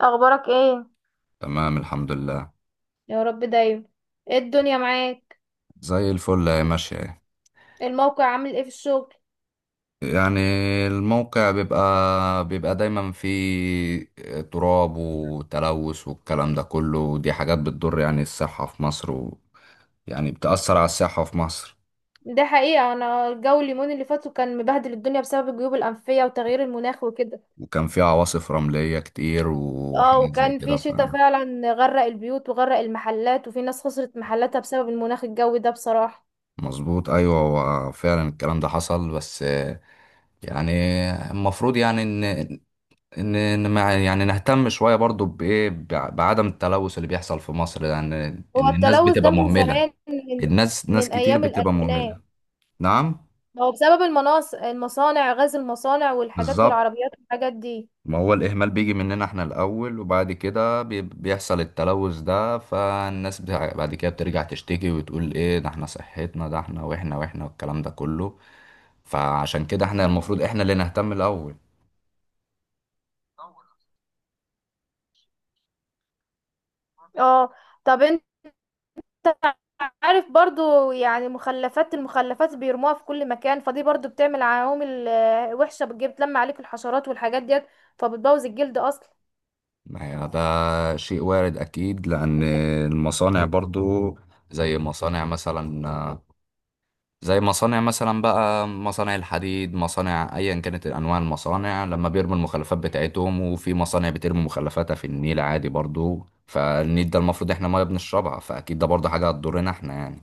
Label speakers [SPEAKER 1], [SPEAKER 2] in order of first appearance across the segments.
[SPEAKER 1] اخبارك ايه؟
[SPEAKER 2] تمام، الحمد لله.
[SPEAKER 1] يا رب دايما. ايه الدنيا معاك؟
[SPEAKER 2] زي الفل هي ماشية اهي.
[SPEAKER 1] الموقع عامل ايه في الشغل؟
[SPEAKER 2] يعني الموقع بيبقى دايما فيه تراب وتلوث والكلام ده كله، ودي حاجات بتضر يعني الصحة في مصر، يعني بتأثر على الصحة في مصر.
[SPEAKER 1] ده حقيقة، انا الجو اليومين اللي فاتوا كان مبهدل الدنيا بسبب الجيوب الانفية وتغيير المناخ وكده.
[SPEAKER 2] وكان في عواصف رملية كتير
[SPEAKER 1] اه،
[SPEAKER 2] وحاجات زي
[SPEAKER 1] وكان
[SPEAKER 2] كده.
[SPEAKER 1] في
[SPEAKER 2] ف
[SPEAKER 1] شتاء فعلا غرق البيوت وغرق المحلات وفي ناس خسرت محلاتها بسبب المناخ الجوي ده بصراحة.
[SPEAKER 2] مظبوط، ايوه، هو فعلا الكلام ده حصل. بس يعني المفروض ان ان إن ما نهتم شويه برضو بعدم التلوث اللي بيحصل في مصر، يعني ان
[SPEAKER 1] هو
[SPEAKER 2] الناس
[SPEAKER 1] التلوث ده
[SPEAKER 2] بتبقى
[SPEAKER 1] من
[SPEAKER 2] مهمله.
[SPEAKER 1] زمان،
[SPEAKER 2] الناس، ناس
[SPEAKER 1] من
[SPEAKER 2] كتير
[SPEAKER 1] ايام
[SPEAKER 2] بتبقى مهمله.
[SPEAKER 1] الالفينات.
[SPEAKER 2] نعم.
[SPEAKER 1] هو بسبب المصانع، غاز المصانع والحاجات
[SPEAKER 2] بالظبط.
[SPEAKER 1] والعربيات والحاجات دي.
[SPEAKER 2] ما هو الاهمال بيجي مننا احنا الاول، وبعد كده بيحصل التلوث ده، بعد كده بترجع تشتكي وتقول ايه ده، احنا صحتنا، ده احنا، واحنا والكلام ده كله. فعشان كده احنا
[SPEAKER 1] مم.
[SPEAKER 2] المفروض احنا اللي نهتم الاول.
[SPEAKER 1] اه. طب، عارف برضو يعني المخلفات بيرموها في كل مكان، فدي برضو بتعمل عوامل وحشة، بتلم عليك الحشرات والحاجات ديت، فبتبوظ الجلد اصلا.
[SPEAKER 2] ما هي ده شيء وارد أكيد، لأن
[SPEAKER 1] انت
[SPEAKER 2] المصانع برضو، زي مصانع مثلا زي مصانع مثلا بقى، مصانع الحديد، مصانع أيا كانت أنواع المصانع، لما بيرموا المخلفات بتاعتهم، وفي مصانع بترمي مخلفاتها في النيل عادي برضو، فالنيل ده المفروض احنا ما بنشربها، فأكيد ده برضو حاجة هتضرنا احنا يعني.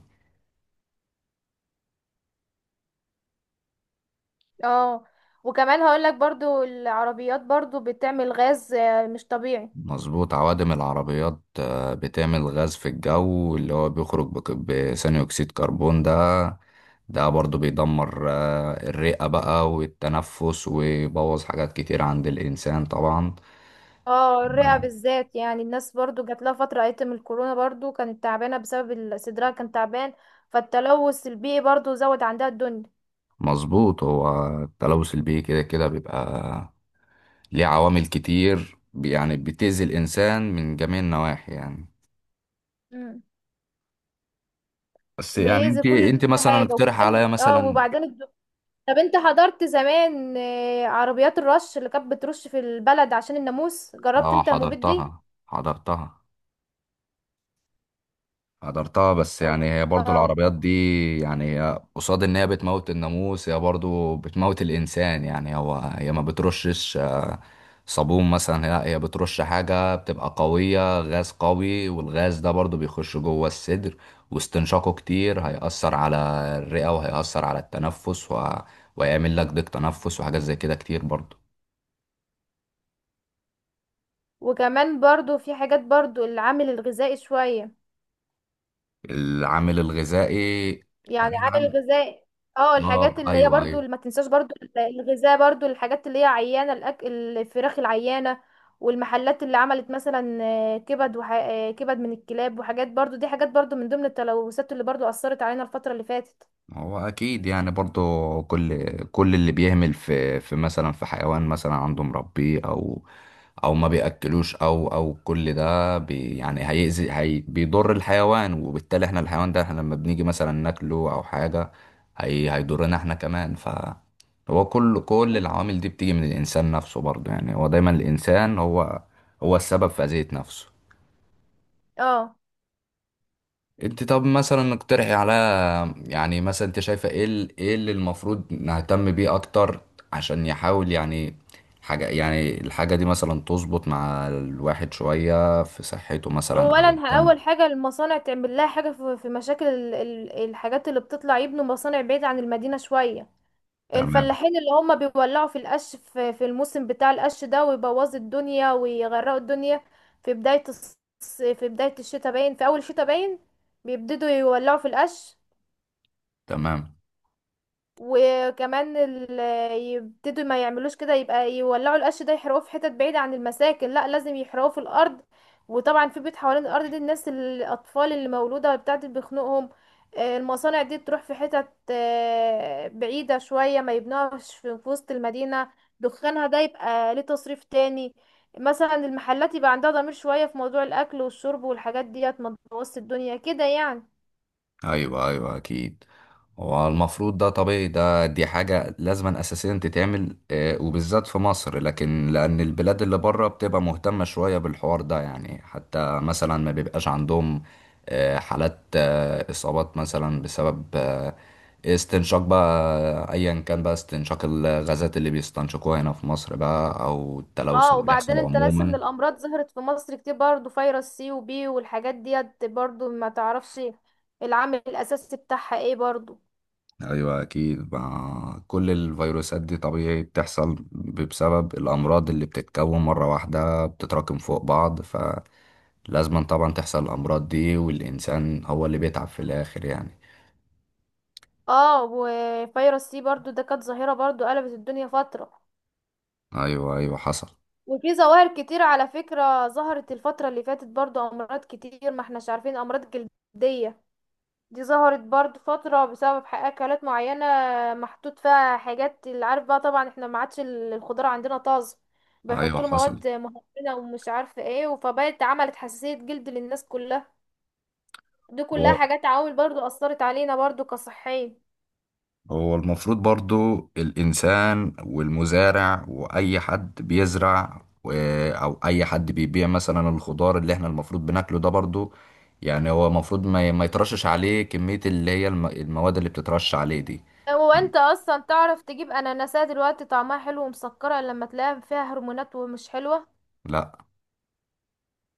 [SPEAKER 1] اه وكمان هقول لك برضو العربيات برضو بتعمل غاز مش طبيعي.
[SPEAKER 2] مظبوط، عوادم العربيات بتعمل غاز في الجو، اللي هو بيخرج بثاني أكسيد كربون ده، ده برضو بيدمر الرئة بقى والتنفس، ويبوظ حاجات كتير عند الإنسان طبعا.
[SPEAKER 1] اه، الرئة بالذات يعني الناس برضو جات لها فترة ايتم الكورونا برضو كانت تعبانة بسبب صدرها كان تعبان، فالتلوث البيئي برضو زود عندها الدنيا.
[SPEAKER 2] مظبوط، هو التلوث البيئي كده بيبقى ليه عوامل كتير، يعني بتأذي الإنسان من جميع النواحي يعني.
[SPEAKER 1] مم.
[SPEAKER 2] بس يعني
[SPEAKER 1] بيأذي
[SPEAKER 2] انت
[SPEAKER 1] كل
[SPEAKER 2] انت مثلا
[SPEAKER 1] حاجة
[SPEAKER 2] اقترح
[SPEAKER 1] وكمان
[SPEAKER 2] عليا مثلا.
[SPEAKER 1] وبعدين، طب انت حضرت زمان عربيات الرش اللي كانت بترش في البلد عشان الناموس، جربت
[SPEAKER 2] اه،
[SPEAKER 1] انت المبيد دي؟
[SPEAKER 2] حضرتها حضرتها. بس يعني هي برضو
[SPEAKER 1] اه،
[SPEAKER 2] العربيات دي، يعني هي قصاد ان هي بتموت الناموس، هي برضو بتموت الانسان يعني. هو هي ما بترشش صابون مثلا، هي بترش حاجة بتبقى قوية، غاز قوي، والغاز ده برضو بيخش جوه الصدر، واستنشاقه كتير هيأثر على الرئة، وهيأثر على التنفس، ويعمل لك ضيق تنفس وحاجات زي كده كتير برضو.
[SPEAKER 1] وكمان برضو في حاجات برضو العامل الغذائي شوية،
[SPEAKER 2] العامل الغذائي؟ لا،
[SPEAKER 1] يعني عامل
[SPEAKER 2] العامل.
[SPEAKER 1] غذائي. اه، الحاجات
[SPEAKER 2] اه،
[SPEAKER 1] اللي هي
[SPEAKER 2] ايوه
[SPEAKER 1] برضو
[SPEAKER 2] ايوه
[SPEAKER 1] اللي ما تنساش برضو الغذاء، برضو الحاجات اللي هي عيانة، الفراخ العيانة والمحلات اللي عملت مثلا آه، كبد وح... آه، كبد من الكلاب وحاجات، برضو دي حاجات برضو من ضمن التلوثات اللي برضو أثرت علينا الفترة اللي فاتت.
[SPEAKER 2] هو اكيد يعني برضو كل اللي بيهمل في مثلا في حيوان مثلا عنده مربيه، او ما بياكلوش، او كل ده يعني هيأذي، بيضر الحيوان، وبالتالي احنا الحيوان ده احنا لما بنيجي مثلا ناكله او حاجه، هيضرنا احنا كمان. ف هو كل
[SPEAKER 1] مم.
[SPEAKER 2] العوامل دي بتيجي من الانسان نفسه برضو، يعني هو دايما الانسان هو هو السبب في اذية نفسه.
[SPEAKER 1] اه.
[SPEAKER 2] انت طب مثلا اقترحي على، يعني مثلا انت شايفه ايه اللي المفروض نهتم بيه اكتر، عشان يحاول يعني حاجه، يعني الحاجه دي مثلا تظبط مع الواحد شويه في صحته مثلا، او
[SPEAKER 1] اولا
[SPEAKER 2] يهتم.
[SPEAKER 1] اول حاجه المصانع تعمل لها حاجه في مشاكل الحاجات اللي بتطلع، يبنوا مصانع بعيد عن المدينه شويه.
[SPEAKER 2] تمام.
[SPEAKER 1] الفلاحين اللي هم بيولعوا في القش في الموسم بتاع القش ده ويبوظوا الدنيا ويغرقوا الدنيا في بدايه الشتاء باين، في اول الشتاء باين بيبتدوا يولعوا في القش.
[SPEAKER 2] تمام.
[SPEAKER 1] وكمان يبتدوا ما يعملوش كده، يبقى يولعوا القش ده يحرقوه في حتت بعيدة عن المساكن، لا لازم يحرقوه في الأرض، وطبعا في بيت حوالين الأرض دي الناس الأطفال اللي مولودة بتاعت بيخنقهم. المصانع دي تروح في حتت بعيدة شوية ما يبنوهاش في وسط المدينة، دخانها ده يبقى ليه تصريف تاني. مثلا المحلات يبقى عندها ضمير شوية في موضوع الأكل والشرب والحاجات ديت، ما تبوظش الدنيا كده يعني.
[SPEAKER 2] ايوه اكيد. هو المفروض ده طبيعي، ده دي حاجة لازما اساسيا تتعمل وبالذات في مصر، لكن لان البلاد اللي بره بتبقى مهتمة شوية بالحوار ده يعني، حتى مثلا ما بيبقاش عندهم حالات اصابات مثلا بسبب استنشاق بقى ايا كان بقى، استنشاق الغازات اللي بيستنشقوها هنا في مصر بقى، او التلوث
[SPEAKER 1] اه
[SPEAKER 2] اللي
[SPEAKER 1] وبعدين
[SPEAKER 2] بيحصل
[SPEAKER 1] انت ناسي ان
[SPEAKER 2] عموما.
[SPEAKER 1] الامراض ظهرت في مصر كتير برضو، فيروس سي وبي والحاجات ديت برضو ما تعرفش العامل الاساسي بتاعها ايه برضو.
[SPEAKER 2] ايوه اكيد، مع كل الفيروسات دي طبيعي بتحصل بسبب الامراض اللي بتتكون مره واحده، بتتراكم فوق بعض، فلازم طبعا تحصل الامراض دي، والانسان هو اللي بيتعب في الاخر يعني.
[SPEAKER 1] اه، وفيروس سي برضو ده كانت ظاهرة برضو قلبت الدنيا فترة.
[SPEAKER 2] ايوه حصل.
[SPEAKER 1] وفي ظواهر كتير على فكرة ظهرت الفترة اللي فاتت، برضو امراض كتير ما احناش عارفين، امراض جلدية دي ظهرت برضو فترة بسبب أكلات معينة محطوط فيها حاجات اللي عارف بقى، طبعا احنا ما عادش الخضار عندنا طازة،
[SPEAKER 2] ايوه
[SPEAKER 1] بيحطوا له
[SPEAKER 2] حصل.
[SPEAKER 1] مواد مهدرجة ومش عارفة ايه، فبقت عملت حساسية جلد للناس كلها. دي
[SPEAKER 2] هو
[SPEAKER 1] كلها حاجات عوامل برضو أثرت علينا برضو كصحيين.
[SPEAKER 2] هو المفروض برضو الإنسان والمزارع وأي حد بيزرع أو أي حد بيبيع مثلا الخضار اللي احنا المفروض بناكله ده برضو، يعني هو المفروض ما يترشش عليه كمية، اللي هي المواد اللي بتترش عليه دي
[SPEAKER 1] هو
[SPEAKER 2] يعني.
[SPEAKER 1] انت اصلا تعرف تجيب اناناسات دلوقتي طعمها حلو ومسكرة؟ إلا لما تلاقيها فيها هرمونات ومش حلوة.
[SPEAKER 2] لا.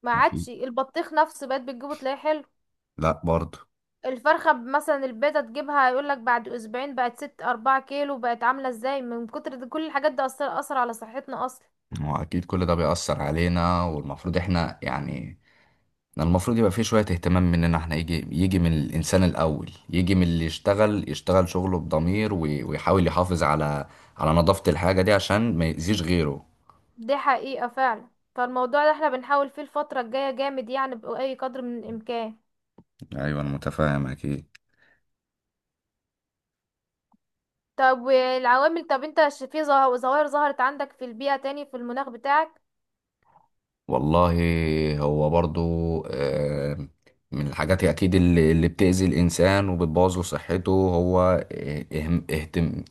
[SPEAKER 1] ما
[SPEAKER 2] ما في.
[SPEAKER 1] عادش البطيخ نفسه، بقت بتجيبه تلاقيه حلو.
[SPEAKER 2] لا برضو.
[SPEAKER 1] مثلا البيضة تجيبها، يقولك بعد أسبوعين بقت ست أربعة كيلو، بقت عاملة ازاي من كتر دي؟ كل الحاجات دي أثر على صحتنا أصلا.
[SPEAKER 2] هو أكيد كل ده بيأثر علينا، والمفروض احنا يعني، يعني المفروض يبقى فيه شوية اهتمام مننا احنا، يجي من الإنسان الأول، يجي من اللي يشتغل، يشتغل شغله بضمير، ويحاول يحافظ على على نظافة الحاجة دي عشان ما يأذيش غيره.
[SPEAKER 1] دي حقيقة فعلا، فالموضوع ده احنا بنحاول فيه الفترة الجاية جامد يعني بأي قدر من الإمكان.
[SPEAKER 2] ايوه انا متفاهم اكيد.
[SPEAKER 1] طب انت ظواهر ظهرت عندك في البيئة تاني في المناخ بتاعك؟
[SPEAKER 2] والله هو برضو آه، من الحاجات أكيد اللي بتأذي الإنسان وبتبوظ له صحته، هو اهتم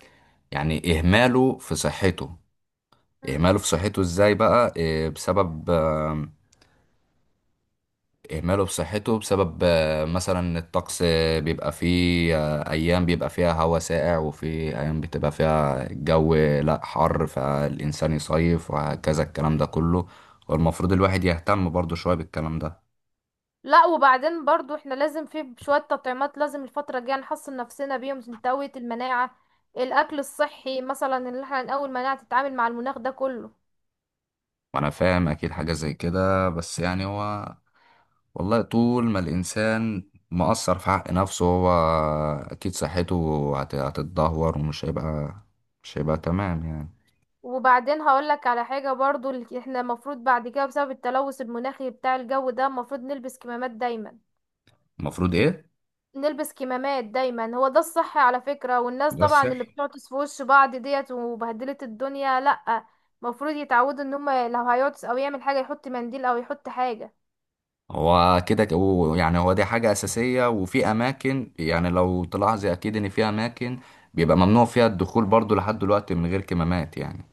[SPEAKER 2] يعني إهماله في صحته.
[SPEAKER 1] مم.
[SPEAKER 2] إهماله في صحته إزاي بقى بسبب إهماله بصحته، بسبب مثلا الطقس، بيبقى فيه أيام بيبقى فيها هواء ساقع، وفي أيام بتبقى فيها الجو لأ حر، فالإنسان يصيف وهكذا الكلام ده كله، والمفروض الواحد يهتم برضه شوية بالكلام ده.
[SPEAKER 1] لا وبعدين برضو احنا لازم في شوية تطعيمات، لازم الفترة الجاية نحصن نفسنا بيهم عشان تقوية المناعة. الأكل الصحي مثلا اللي احنا نقوي المناعة تتعامل مع المناخ ده كله.
[SPEAKER 2] وأنا فاهم أكيد حاجة زي كده، بس يعني هو، والله طول ما الإنسان مقصر في حق نفسه، هو أكيد صحته هتتدهور، ومش هيبقى، مش هيبقى تمام يعني.
[SPEAKER 1] وبعدين هقولك على حاجة برضو، احنا المفروض بعد كده بسبب التلوث المناخي بتاع الجو ده المفروض نلبس كمامات دايما.
[SPEAKER 2] المفروض إيه؟
[SPEAKER 1] نلبس كمامات دايما، هو ده الصح على فكرة، والناس
[SPEAKER 2] ده
[SPEAKER 1] طبعا
[SPEAKER 2] الصح.
[SPEAKER 1] اللي بتعطس في وش بعض ديت وبهدلت الدنيا لأ. المفروض يتعودوا ان هما لو هيعطس او يعمل حاجة يحط منديل او يحط حاجة.
[SPEAKER 2] هو كده يعني هو دي حاجة أساسية، وفي أماكن، يعني لو تلاحظي أكيد إن في أماكن بيبقى ممنوع فيها الدخول برضو لحد دلوقتي من غير كمامات يعني.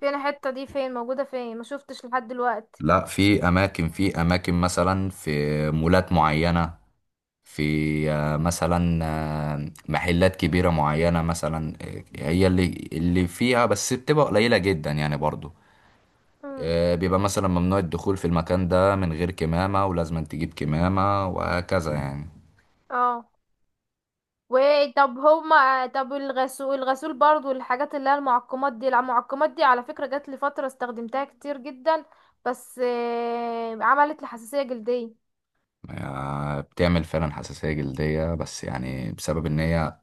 [SPEAKER 1] فين الحتة دي؟ فين موجودة؟ فين ما شفتش لحد دلوقتي.
[SPEAKER 2] لا، في أماكن، في أماكن مثلا في مولات معينة، في مثلا محلات كبيرة معينة مثلا، هي اللي فيها، بس بتبقى قليلة جدا يعني برضو.
[SPEAKER 1] امم.
[SPEAKER 2] بيبقى مثلا ممنوع الدخول في المكان ده من غير كمامة، ولازم تجيب كمامة وهكذا يعني.
[SPEAKER 1] اه. وطب هما طب الغسول، برضو الحاجات اللي هي المعقمات دي، المعقمات دي على فكرة جات لي فترة استخدمتها كتير جدا، بس عملت لي حساسية جلدية.
[SPEAKER 2] بتعمل فعلا حساسية جلدية، بس يعني بسبب ان هي،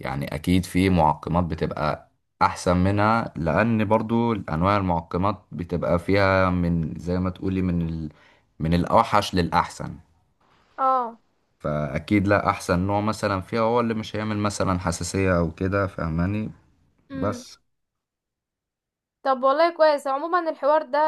[SPEAKER 2] يعني اكيد في معقمات بتبقى احسن منها، لان برضو انواع المعقمات بتبقى فيها، من زي ما تقولي من الاوحش للاحسن،
[SPEAKER 1] اه.
[SPEAKER 2] فاكيد لا، احسن نوع مثلا فيها هو اللي مش هيعمل مثلا حساسية او كده، فاهماني؟
[SPEAKER 1] امم.
[SPEAKER 2] بس.
[SPEAKER 1] طب والله كويس عموما، الحوار ده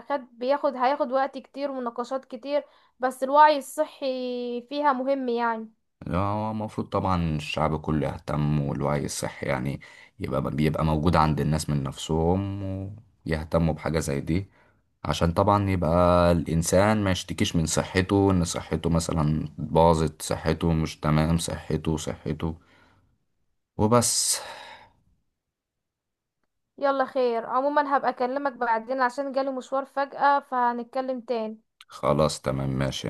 [SPEAKER 1] خد بياخد هياخد وقت كتير ومناقشات كتير، بس الوعي الصحي فيها مهم يعني.
[SPEAKER 2] هو المفروض طبعا الشعب كله يهتم، والوعي الصحي يعني يبقى، بيبقى موجود عند الناس من نفسهم، ويهتموا بحاجة زي دي، عشان طبعا يبقى الإنسان ما يشتكيش من صحته، إن صحته مثلا باظت، صحته مش تمام، صحته وبس.
[SPEAKER 1] يلا خير عموما، هبقى اكلمك بعدين عشان جالي مشوار فجأة، فهنتكلم تاني.
[SPEAKER 2] خلاص، تمام، ماشي.